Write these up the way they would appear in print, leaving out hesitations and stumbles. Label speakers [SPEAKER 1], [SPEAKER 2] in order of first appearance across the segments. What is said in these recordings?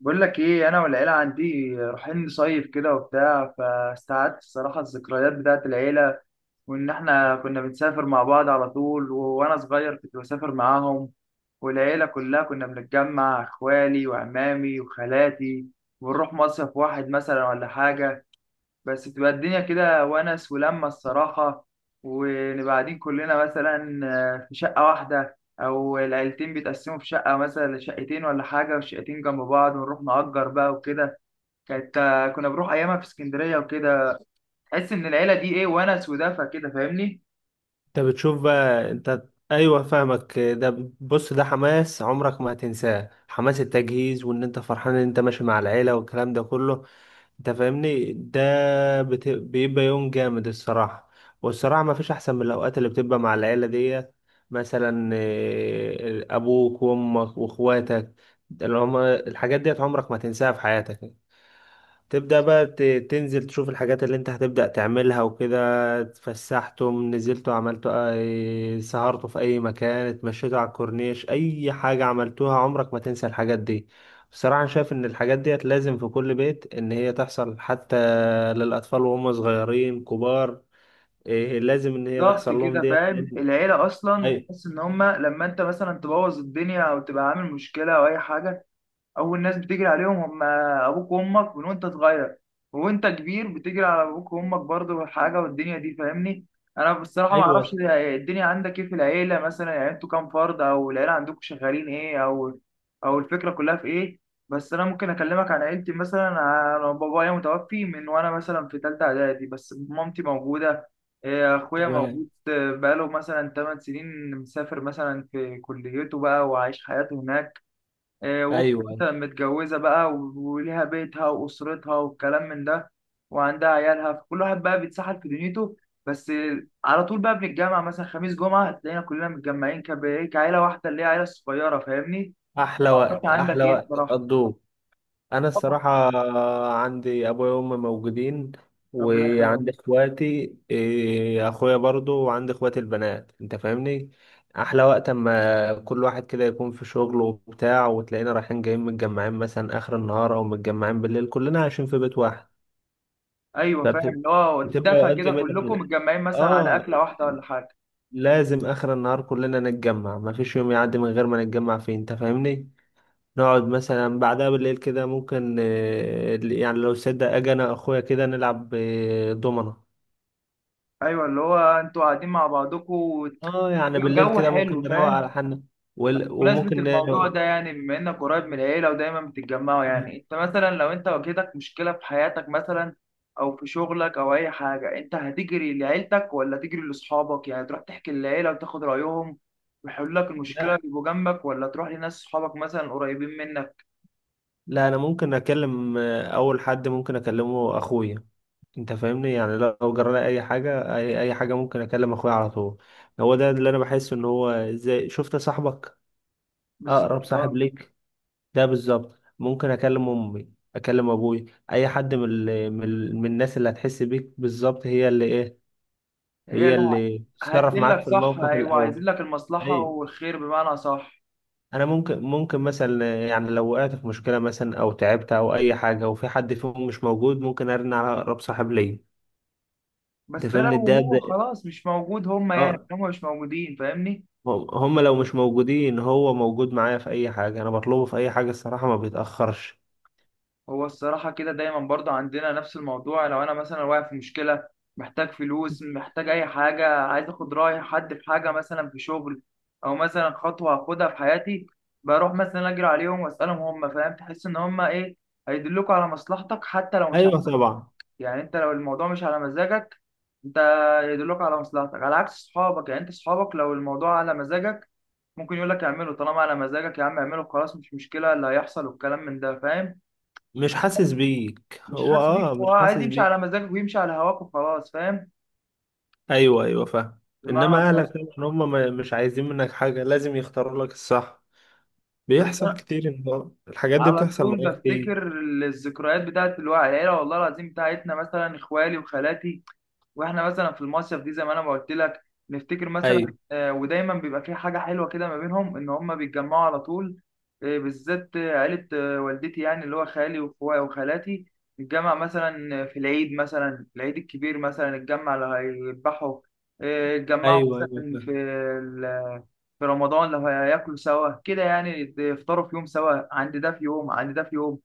[SPEAKER 1] بقول لك ايه، انا والعيله عندي رايحين نصيف كده وبتاع، فاستعدت الصراحه الذكريات بتاعت العيله. وان احنا كنا بنسافر مع بعض على طول. وانا صغير كنت بسافر معاهم، والعيله كلها كنا بنتجمع، اخوالي وعمامي وخالاتي، ونروح مصيف واحد مثلا ولا حاجه. بس تبقى الدنيا كده ونس ولمة الصراحة. ونبقى قاعدين كلنا مثلا في شقة واحدة، أو العيلتين بيتقسموا في شقة مثلا، شقتين ولا حاجة، والشقتين جنب بعض ونروح نأجر بقى وكده. كانت كنا بنروح أيامها في اسكندرية وكده. تحس إن العيلة دي إيه، ونس ودفى كده، فاهمني؟
[SPEAKER 2] انت بتشوف بقى، انت. ايوه، فاهمك. ده بص، ده حماس عمرك ما هتنساه، حماس التجهيز، وان انت فرحان ان انت ماشي مع العيله والكلام ده كله. انت فاهمني؟ ده بيبقى يوم جامد، الصراحه. والصراحه ما فيش احسن من الاوقات اللي بتبقى مع العيله دي. مثلا ابوك وامك واخواتك، اللي هما الحاجات ديت عمرك ما تنساها في حياتك. تبدأ بقى تنزل تشوف الحاجات اللي انت هتبدأ تعملها وكده. اتفسحتم، نزلتوا، عملتوا سهرتوا في اي مكان، اتمشيتوا على الكورنيش، اي حاجة عملتوها عمرك ما تنسى الحاجات دي. بصراحة أنا شايف ان الحاجات ديت لازم في كل بيت ان هي تحصل، حتى للأطفال، وهم صغيرين كبار، إيه لازم ان هي
[SPEAKER 1] بالظبط
[SPEAKER 2] تحصل لهم
[SPEAKER 1] كده،
[SPEAKER 2] ديت
[SPEAKER 1] فاهم؟ العيلة أصلا
[SPEAKER 2] أي-
[SPEAKER 1] تحس إن هما لما أنت مثلا تبوظ الدنيا أو تبقى عامل مشكلة أو أي حاجة، اول ناس بتجري عليهم هم ابوك وامك من وانت صغير. وانت كبير بتجري على ابوك وامك برضه، حاجه والدنيا دي فاهمني. انا بصراحه ما اعرفش
[SPEAKER 2] ايوه
[SPEAKER 1] الدنيا عندك ايه في العيله مثلا، يعني انتوا كام فرد، او العيله عندكم شغالين ايه، او او الفكره كلها في ايه. بس انا ممكن اكلمك عن عيلتي. مثلا انا بابايا متوفي من وانا مثلا في ثالثه اعدادي، بس مامتي موجوده. إيه، اخويا
[SPEAKER 2] تمام.
[SPEAKER 1] موجود، بقاله مثلا 8 سنين مسافر مثلا في كليته بقى وعايش حياته هناك. واخته
[SPEAKER 2] ايوه،
[SPEAKER 1] مثلا متجوزة بقى، وليها بيتها وأسرتها والكلام من ده، وعندها عيالها. فكل واحد بقى بيتسحل في دنيته. بس على طول بقى بنتجمع مثلا خميس جمعة، تلاقينا كلنا متجمعين، كب- إيه، كعيلة واحدة اللي هي عيلة صغيرة، فاهمني؟
[SPEAKER 2] احلى
[SPEAKER 1] معرفش
[SPEAKER 2] وقت،
[SPEAKER 1] عندك
[SPEAKER 2] احلى
[SPEAKER 1] إيه
[SPEAKER 2] وقت
[SPEAKER 1] بصراحة.
[SPEAKER 2] تقضوه. انا
[SPEAKER 1] طبعا.
[SPEAKER 2] الصراحه عندي ابويا وامي موجودين،
[SPEAKER 1] ربنا
[SPEAKER 2] وعندي
[SPEAKER 1] يخليهم.
[SPEAKER 2] اخواتي، اخويا برضو، وعندي اخواتي البنات، انت فاهمني. احلى وقت اما كل واحد كده يكون في شغله وبتاع، وتلاقينا رايحين جايين متجمعين مثلا اخر النهار، او متجمعين بالليل كلنا عايشين في بيت واحد.
[SPEAKER 1] أيوه فاهم، اللي هو
[SPEAKER 2] فبتبقى
[SPEAKER 1] دفى
[SPEAKER 2] اوقات
[SPEAKER 1] كده،
[SPEAKER 2] جميله
[SPEAKER 1] كلكم متجمعين مثلا على
[SPEAKER 2] اه،
[SPEAKER 1] أكلة واحدة ولا حاجة.
[SPEAKER 2] لازم اخر النهار كلنا نتجمع، مفيش يوم يعدي من غير ما نتجمع فيه، انت فاهمني. نقعد مثلا بعدها بالليل كده، ممكن يعني لو صدق اجي انا اخويا كده نلعب دومنة.
[SPEAKER 1] أيوه اللي هو أنتوا قاعدين مع بعضكم.
[SPEAKER 2] اه، يعني بالليل
[SPEAKER 1] جو
[SPEAKER 2] كده ممكن
[SPEAKER 1] حلو،
[SPEAKER 2] نروق على
[SPEAKER 1] فاهم؟
[SPEAKER 2] حالنا،
[SPEAKER 1] بمناسبة
[SPEAKER 2] وممكن
[SPEAKER 1] الموضوع ده، يعني بما إنك قريب من العيلة ودايما بتتجمعوا، يعني أنت مثلا لو أنت واجهتك مشكلة في حياتك مثلا، أو في شغلك أو أي حاجة، أنت هتجري لعيلتك ولا تجري لأصحابك؟ يعني تروح تحكي للعيلة وتاخد رأيهم ويحلوا لك المشكلة،
[SPEAKER 2] لا
[SPEAKER 1] يبقوا جنبك، ولا تروح لناس صحابك مثلا قريبين منك؟
[SPEAKER 2] لا، انا ممكن اكلم، اول حد ممكن اكلمه اخويا. انت فاهمني، يعني لو جرى لي اي حاجه، اي حاجه ممكن اكلم اخويا على طول. هو ده اللي انا بحس ان هو زي شفت صاحبك، اقرب
[SPEAKER 1] بالظبط
[SPEAKER 2] صاحب
[SPEAKER 1] أه.
[SPEAKER 2] ليك. ده بالظبط، ممكن اكلم امي، اكلم ابوي، اي حد من الناس اللي هتحس بيك بالظبط،
[SPEAKER 1] هي
[SPEAKER 2] هي
[SPEAKER 1] لا.
[SPEAKER 2] اللي تتصرف معاك
[SPEAKER 1] هتدلك
[SPEAKER 2] في
[SPEAKER 1] صح،
[SPEAKER 2] الموقف
[SPEAKER 1] أيوة عايزين
[SPEAKER 2] الاول.
[SPEAKER 1] لك المصلحة
[SPEAKER 2] اي،
[SPEAKER 1] والخير، بمعنى صح.
[SPEAKER 2] انا ممكن مثلا، يعني لو وقعت في مشكله مثلا او تعبت او اي حاجه وفي حد فيهم مش موجود، ممكن ارن على اقرب صاحب ليا. انت
[SPEAKER 1] بس ده لو
[SPEAKER 2] فاهمني،
[SPEAKER 1] هو
[SPEAKER 2] ده.
[SPEAKER 1] خلاص مش موجود، هما يعني
[SPEAKER 2] اه.
[SPEAKER 1] هما مش موجودين فاهمني.
[SPEAKER 2] هم لو مش موجودين، هو موجود معايا في اي حاجه، انا بطلبه في اي حاجه الصراحه ما بيتاخرش.
[SPEAKER 1] هو الصراحة كده دايما برضه عندنا نفس الموضوع. لو أنا مثلا واقع في مشكلة، محتاج فلوس، محتاج أي حاجة، عايز أخد رأي حد في حاجة مثلا في شغل، أو مثلا خطوة هاخدها في حياتي، بروح مثلا أجري عليهم وأسألهم هم، فاهم؟ تحس إن هم إيه، هيدلوك على مصلحتك حتى لو مش على
[SPEAKER 2] ايوه
[SPEAKER 1] مزاجك.
[SPEAKER 2] طبعا.
[SPEAKER 1] يعني أنت لو الموضوع مش على مزاجك، أنت يدلوك على مصلحتك، على عكس صحابك. يعني أنت صحابك لو الموضوع على مزاجك، ممكن يقول لك اعمله، طالما على مزاجك يا عم اعمله، خلاص مش مشكلة اللي هيحصل والكلام من ده، فاهم؟
[SPEAKER 2] مش حاسس بيك
[SPEAKER 1] مش
[SPEAKER 2] هو،
[SPEAKER 1] حاسس بيك، هو
[SPEAKER 2] مش
[SPEAKER 1] عايز
[SPEAKER 2] حاسس
[SPEAKER 1] يمشي
[SPEAKER 2] بيك.
[SPEAKER 1] على مزاجك ويمشي على هواك وخلاص، فاهم؟
[SPEAKER 2] ايوه ايوه، فاهم.
[SPEAKER 1] بمعنى
[SPEAKER 2] انما اهلك،
[SPEAKER 1] صح.
[SPEAKER 2] طبعا هم مش عايزين منك حاجه، لازم يختاروا لك الصح.
[SPEAKER 1] بس
[SPEAKER 2] بيحصل
[SPEAKER 1] انا
[SPEAKER 2] كتير، الحاجات دي
[SPEAKER 1] على
[SPEAKER 2] بتحصل
[SPEAKER 1] طول
[SPEAKER 2] معايا كتير.
[SPEAKER 1] بفتكر الذكريات بتاعت الوعي، العيله والله العظيم بتاعتنا، مثلا اخوالي وخالاتي، واحنا مثلا في المصيف دي، زي ما انا ما قلت لك. نفتكر
[SPEAKER 2] ايوه
[SPEAKER 1] مثلا، ودايما بيبقى في حاجه حلوه كده ما بينهم، ان هم بيتجمعوا على طول. بالذات عيله والدتي، يعني اللي هو خالي واخويا وخالاتي. نتجمع مثلا في العيد، مثلا العيد الكبير مثلا نتجمع لو هيذبحوا. آه، نتجمعوا
[SPEAKER 2] ايوه ايوه
[SPEAKER 1] مثلا في
[SPEAKER 2] فاهم.
[SPEAKER 1] ال- في رمضان لو هياكلوا سوا كده، يعني يفطروا في يوم سوا، عند ده في يوم، عند ده في يوم.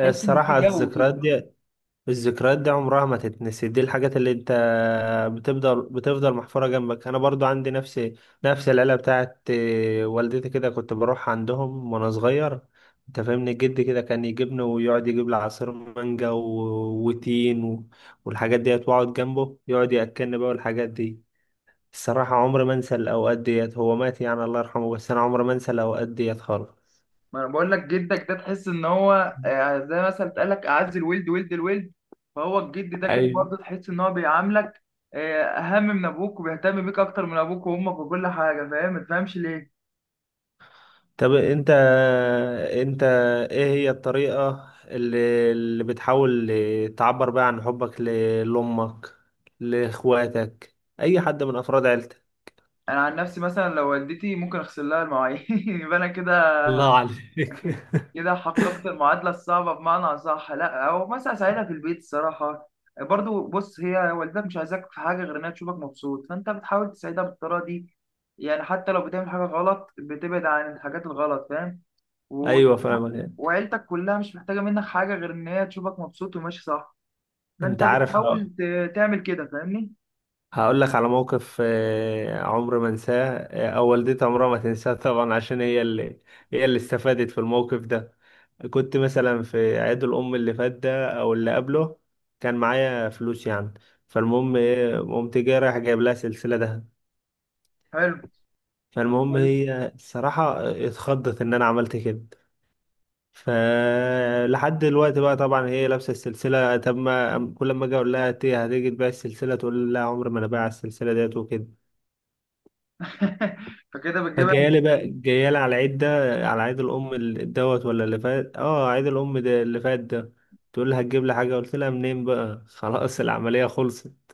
[SPEAKER 1] تحس ان في جو كده.
[SPEAKER 2] الذكريات دي عمرها ما تتنسي، دي الحاجات اللي انت بتفضل محفورة جنبك. انا برضو عندي نفس العيلة بتاعت والدتي، كده كنت بروح عندهم وانا صغير. انت فاهمني، جدي كده كان يجيبني ويقعد يجيب لي عصير مانجا وتين والحاجات ديت، واقعد جنبه يقعد ياكلني بقى والحاجات دي. الصراحة عمري ما انسى الاوقات ديت، هو مات يعني، الله يرحمه، بس انا عمري ما انسى الاوقات ديت خالص.
[SPEAKER 1] ما انا بقول لك، جدك ده تحس ان هو، زي مثلا بتقول لك اعز الولد ولد الولد. فهو الجد ده كده
[SPEAKER 2] ايوه.
[SPEAKER 1] برضه تحس ان هو بيعاملك اهم من ابوك، وبيهتم بيك اكتر من ابوك وامك وكل حاجه، فاهم؟ ما تفهمش ليه.
[SPEAKER 2] طب انت ايه هي الطريقة اللي بتحاول تعبر بيها عن حبك لأمك، لإخواتك، أي حد من أفراد عيلتك؟
[SPEAKER 1] انا عن نفسي مثلا لو والدتي، ممكن اغسل لها المواعين يبقى انا كده،
[SPEAKER 2] الله عليك
[SPEAKER 1] كده حققت المعادلة الصعبة، بمعنى أصح. لا، أو مثلا أساعدها في البيت الصراحة. برضو بص، هي والدتك مش عايزاك في حاجة غير إنها تشوفك مبسوط، فأنت بتحاول تساعدها بالطريقة دي. يعني حتى لو بتعمل حاجة غلط، بتبعد عن الحاجات الغلط، فاهم؟ و...
[SPEAKER 2] أيوة فاهمك.
[SPEAKER 1] وعيلتك كلها مش محتاجة منك حاجة غير إن هي تشوفك مبسوط وماشي صح، فأنت
[SPEAKER 2] انت عارف،
[SPEAKER 1] بتحاول تعمل كده، فاهمني؟
[SPEAKER 2] هقول لك على موقف عمر ما انساه، او والدتي عمرها ما تنساه، طبعا عشان هي اللي استفادت في الموقف ده. كنت مثلا في عيد الام اللي فات ده او اللي قبله، كان معايا فلوس يعني. فالمهم قمت جاي رايح جايب لها سلسله ده.
[SPEAKER 1] حلو.
[SPEAKER 2] فالمهم
[SPEAKER 1] كويس.
[SPEAKER 2] هي الصراحه اتخضت ان انا عملت كده. فلحد دلوقتي بقى، طبعا هي لابسه السلسله. طب ما كل ما اجي اقول لها "إنت هتيجي تبيع السلسله؟" تقول لي لا، عمر ما انا بايع السلسله ديت، وكده.
[SPEAKER 1] فكده بتجيبها.
[SPEAKER 2] فجايالي بقى جايالي على العيد ده، على عيد الأم دوت، ولا اللي فات. اه، عيد الأم ده اللي فات ده. تقول لي هتجيب لي حاجة؟ قلت لها منين بقى خلاص العملية خلصت،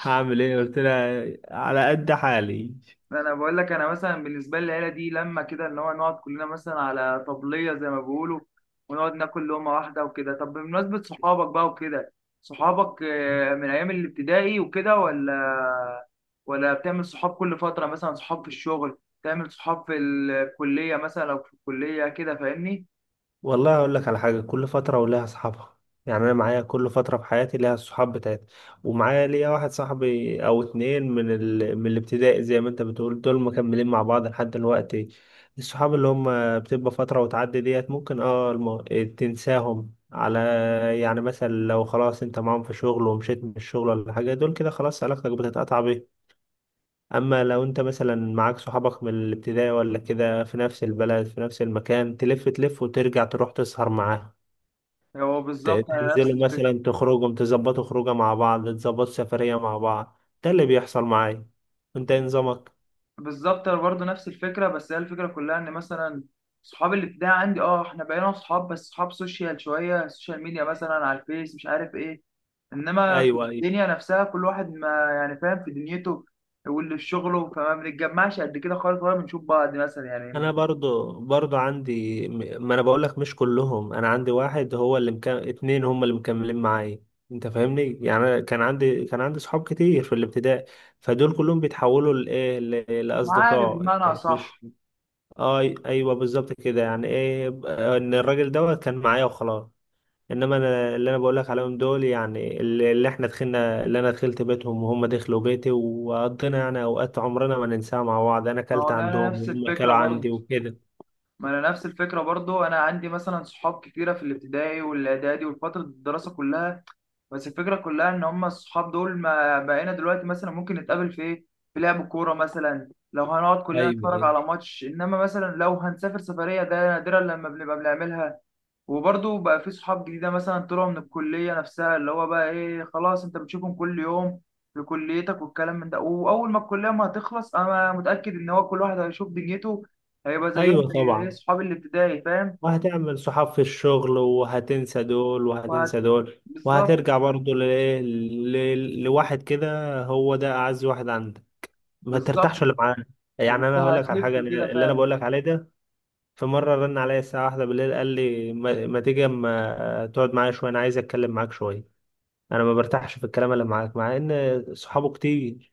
[SPEAKER 2] هعمل ايه؟ قلت لها على قد حالي.
[SPEAKER 1] انا بقول لك، انا مثلا بالنسبه لي العيله دي، لما كده اللي هو نقعد كلنا مثلا على طبليه زي ما بيقولوا، ونقعد ناكل لقمه واحده وكده. طب بمناسبه صحابك بقى وكده، صحابك من ايام الابتدائي وكده، ولا ولا بتعمل صحاب كل فتره؟ مثلا صحاب في الشغل، تعمل صحاب في الكليه مثلا لو في الكليه كده، فاهمني؟
[SPEAKER 2] والله اقول لك على حاجه، كل فتره ولها اصحابها. يعني انا معايا كل فتره في حياتي ليها الصحاب بتاعتي. ومعايا ليا واحد صاحبي او اتنين من الابتدائي، زي ما انت بتقول، دول مكملين مع بعض لحد دلوقتي. الصحاب اللي هم بتبقى فتره وتعدي ديت ممكن تنساهم على. يعني مثلا لو خلاص انت معاهم في شغل ومشيت من الشغل ولا حاجه، دول كده خلاص علاقتك بتتقطع بيهم. اما لو انت مثلا معاك صحابك من الابتدائي ولا كده في نفس البلد، في نفس المكان، تلف تلف وترجع تروح تسهر معاهم.
[SPEAKER 1] هو بالظبط انا نفس
[SPEAKER 2] تنزلوا
[SPEAKER 1] الفكره.
[SPEAKER 2] مثلا تخرجوا، تظبطوا خروجه مع بعض، تظبطوا سفرية مع بعض. ده اللي بيحصل معايا. انت إيه نظامك؟
[SPEAKER 1] بالظبط انا برضه نفس الفكره. بس هي الفكره كلها ان مثلا صحاب الابتدائي عندي اه، احنا بقينا صحاب، بس صحاب سوشيال شويه، سوشيال ميديا مثلا على الفيس مش عارف ايه. انما في
[SPEAKER 2] ايوه ايوه.
[SPEAKER 1] الدنيا نفسها كل واحد ما يعني فاهم في دنيته، واللي في شغله، فما بنتجمعش قد كده خالص، ولا بنشوف بعض مثلا يعني.
[SPEAKER 2] انا برضو عندي ما انا بقول لك، مش كلهم. انا عندي واحد هو اللي مكمل، اتنين هم اللي مكملين معايا. انت فاهمني، يعني أنا كان عندي صحاب كتير في الابتدائي. فدول كلهم بيتحولوا
[SPEAKER 1] عارف
[SPEAKER 2] لاصدقاء،
[SPEAKER 1] بمعنى
[SPEAKER 2] يعني مش.
[SPEAKER 1] صح.
[SPEAKER 2] اي، ايوه، بالظبط كده. يعني ان الراجل دوت كان معايا وخلاص. انما انا، اللي انا بقول لك عليهم دول، يعني اللي احنا دخلنا، اللي انا دخلت بيتهم وهم دخلوا بيتي وقضينا يعني اوقات عمرنا ما ننساها مع بعض، انا
[SPEAKER 1] ما
[SPEAKER 2] اكلت
[SPEAKER 1] هو انا
[SPEAKER 2] عندهم
[SPEAKER 1] نفس
[SPEAKER 2] وهم
[SPEAKER 1] الفكره
[SPEAKER 2] اكلوا
[SPEAKER 1] برضه.
[SPEAKER 2] عندي وكده.
[SPEAKER 1] ما انا نفس الفكره برضه. انا عندي مثلا صحاب كتيره في الابتدائي والاعدادي والفتره الدراسه كلها. بس الفكرة كلها إن هما الصحاب دول ما بقينا دلوقتي مثلا ممكن نتقابل في إيه؟ في لعب الكورة مثلا، لو هنقعد كلنا
[SPEAKER 2] ايوه
[SPEAKER 1] نتفرج
[SPEAKER 2] ايوه.
[SPEAKER 1] على ماتش. إنما مثلا لو هنسافر سفرية، ده نادرا لما بنبقى بنعملها. وبرضه بقى في صحاب جديدة مثلا طلعوا من الكلية نفسها، اللي هو بقى إيه، خلاص أنت بتشوفهم كل يوم في كليتك والكلام من ده. وأول ما الكلية ما هتخلص، أنا متأكد إن هو كل واحد هيشوف دنيته، هيبقى زيهم،
[SPEAKER 2] ايوه
[SPEAKER 1] زي إيه،
[SPEAKER 2] طبعا،
[SPEAKER 1] صحاب الابتدائي، فاهم؟
[SPEAKER 2] وهتعمل صحاب في الشغل، وهتنسى دول
[SPEAKER 1] وهت
[SPEAKER 2] وهتنسى دول،
[SPEAKER 1] بالظبط.
[SPEAKER 2] وهترجع برضه لواحد كده، هو ده اعز واحد عندك، ما ترتاحش
[SPEAKER 1] بالظبط.
[SPEAKER 2] اللي معاه. يعني
[SPEAKER 1] أنت
[SPEAKER 2] انا هقول لك على
[SPEAKER 1] هتلف
[SPEAKER 2] حاجه،
[SPEAKER 1] كده
[SPEAKER 2] اللي انا
[SPEAKER 1] فعلا.
[SPEAKER 2] بقول لك عليه ده، في مرة رن عليا الساعة 1 بالليل قال لي ما تيجي اما تقعد معايا شوية، أنا عايز أتكلم معاك شوية، أنا ما برتاحش في الكلام اللي معاك، مع إن صحابه كتير.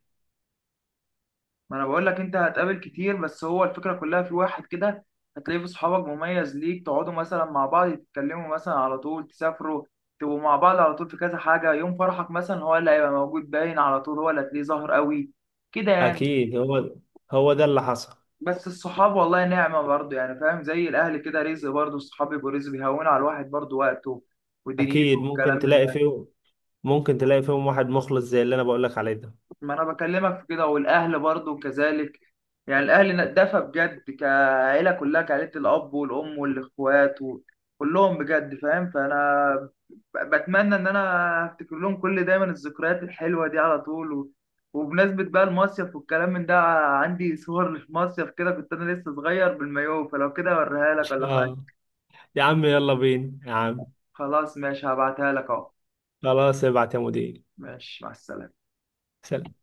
[SPEAKER 1] ما انا بقول لك انت هتقابل كتير، بس هو الفكره كلها في واحد كده هتلاقيه في صحابك مميز ليك، تقعدوا مثلا مع بعض، تتكلموا مثلا على طول، تسافروا، تبقوا مع بعض على طول في كذا حاجه. يوم فرحك مثلا هو اللي هيبقى موجود باين، على طول هو اللي هتلاقيه ظاهر قوي كده يعني.
[SPEAKER 2] أكيد هو ده اللي حصل.
[SPEAKER 1] بس الصحاب والله نعمه برضه، يعني فاهم؟ زي الاهل كده رزق، برضه الصحاب يبقوا رزق، بيهونوا على الواحد برضه وقته ودنيته
[SPEAKER 2] أكيد
[SPEAKER 1] والكلام من ده.
[SPEAKER 2] ممكن تلاقي فيهم واحد مخلص زي اللي أنا بقولك عليه ده.
[SPEAKER 1] ما انا بكلمك في كده، والاهل برضو كذلك. يعني الاهل دفى بجد، كعيله كلها، كعيله، الاب والام والاخوات كلهم بجد، فاهم؟ فانا بتمنى ان انا افتكر لهم كل دايما الذكريات الحلوه دي على طول، وبمناسبه بقى المصيف والكلام من ده، عندي صور للمصيف كده، كنت انا لسه صغير بالمايوه. فلو كده اوريها لك ولا حاجه.
[SPEAKER 2] اه، يا عم يلا بينا يا عم.
[SPEAKER 1] خلاص ماشي، هبعتها لك اهو.
[SPEAKER 2] خلاص ابعت يا مدير.
[SPEAKER 1] ماشي مع السلامه.
[SPEAKER 2] سلام.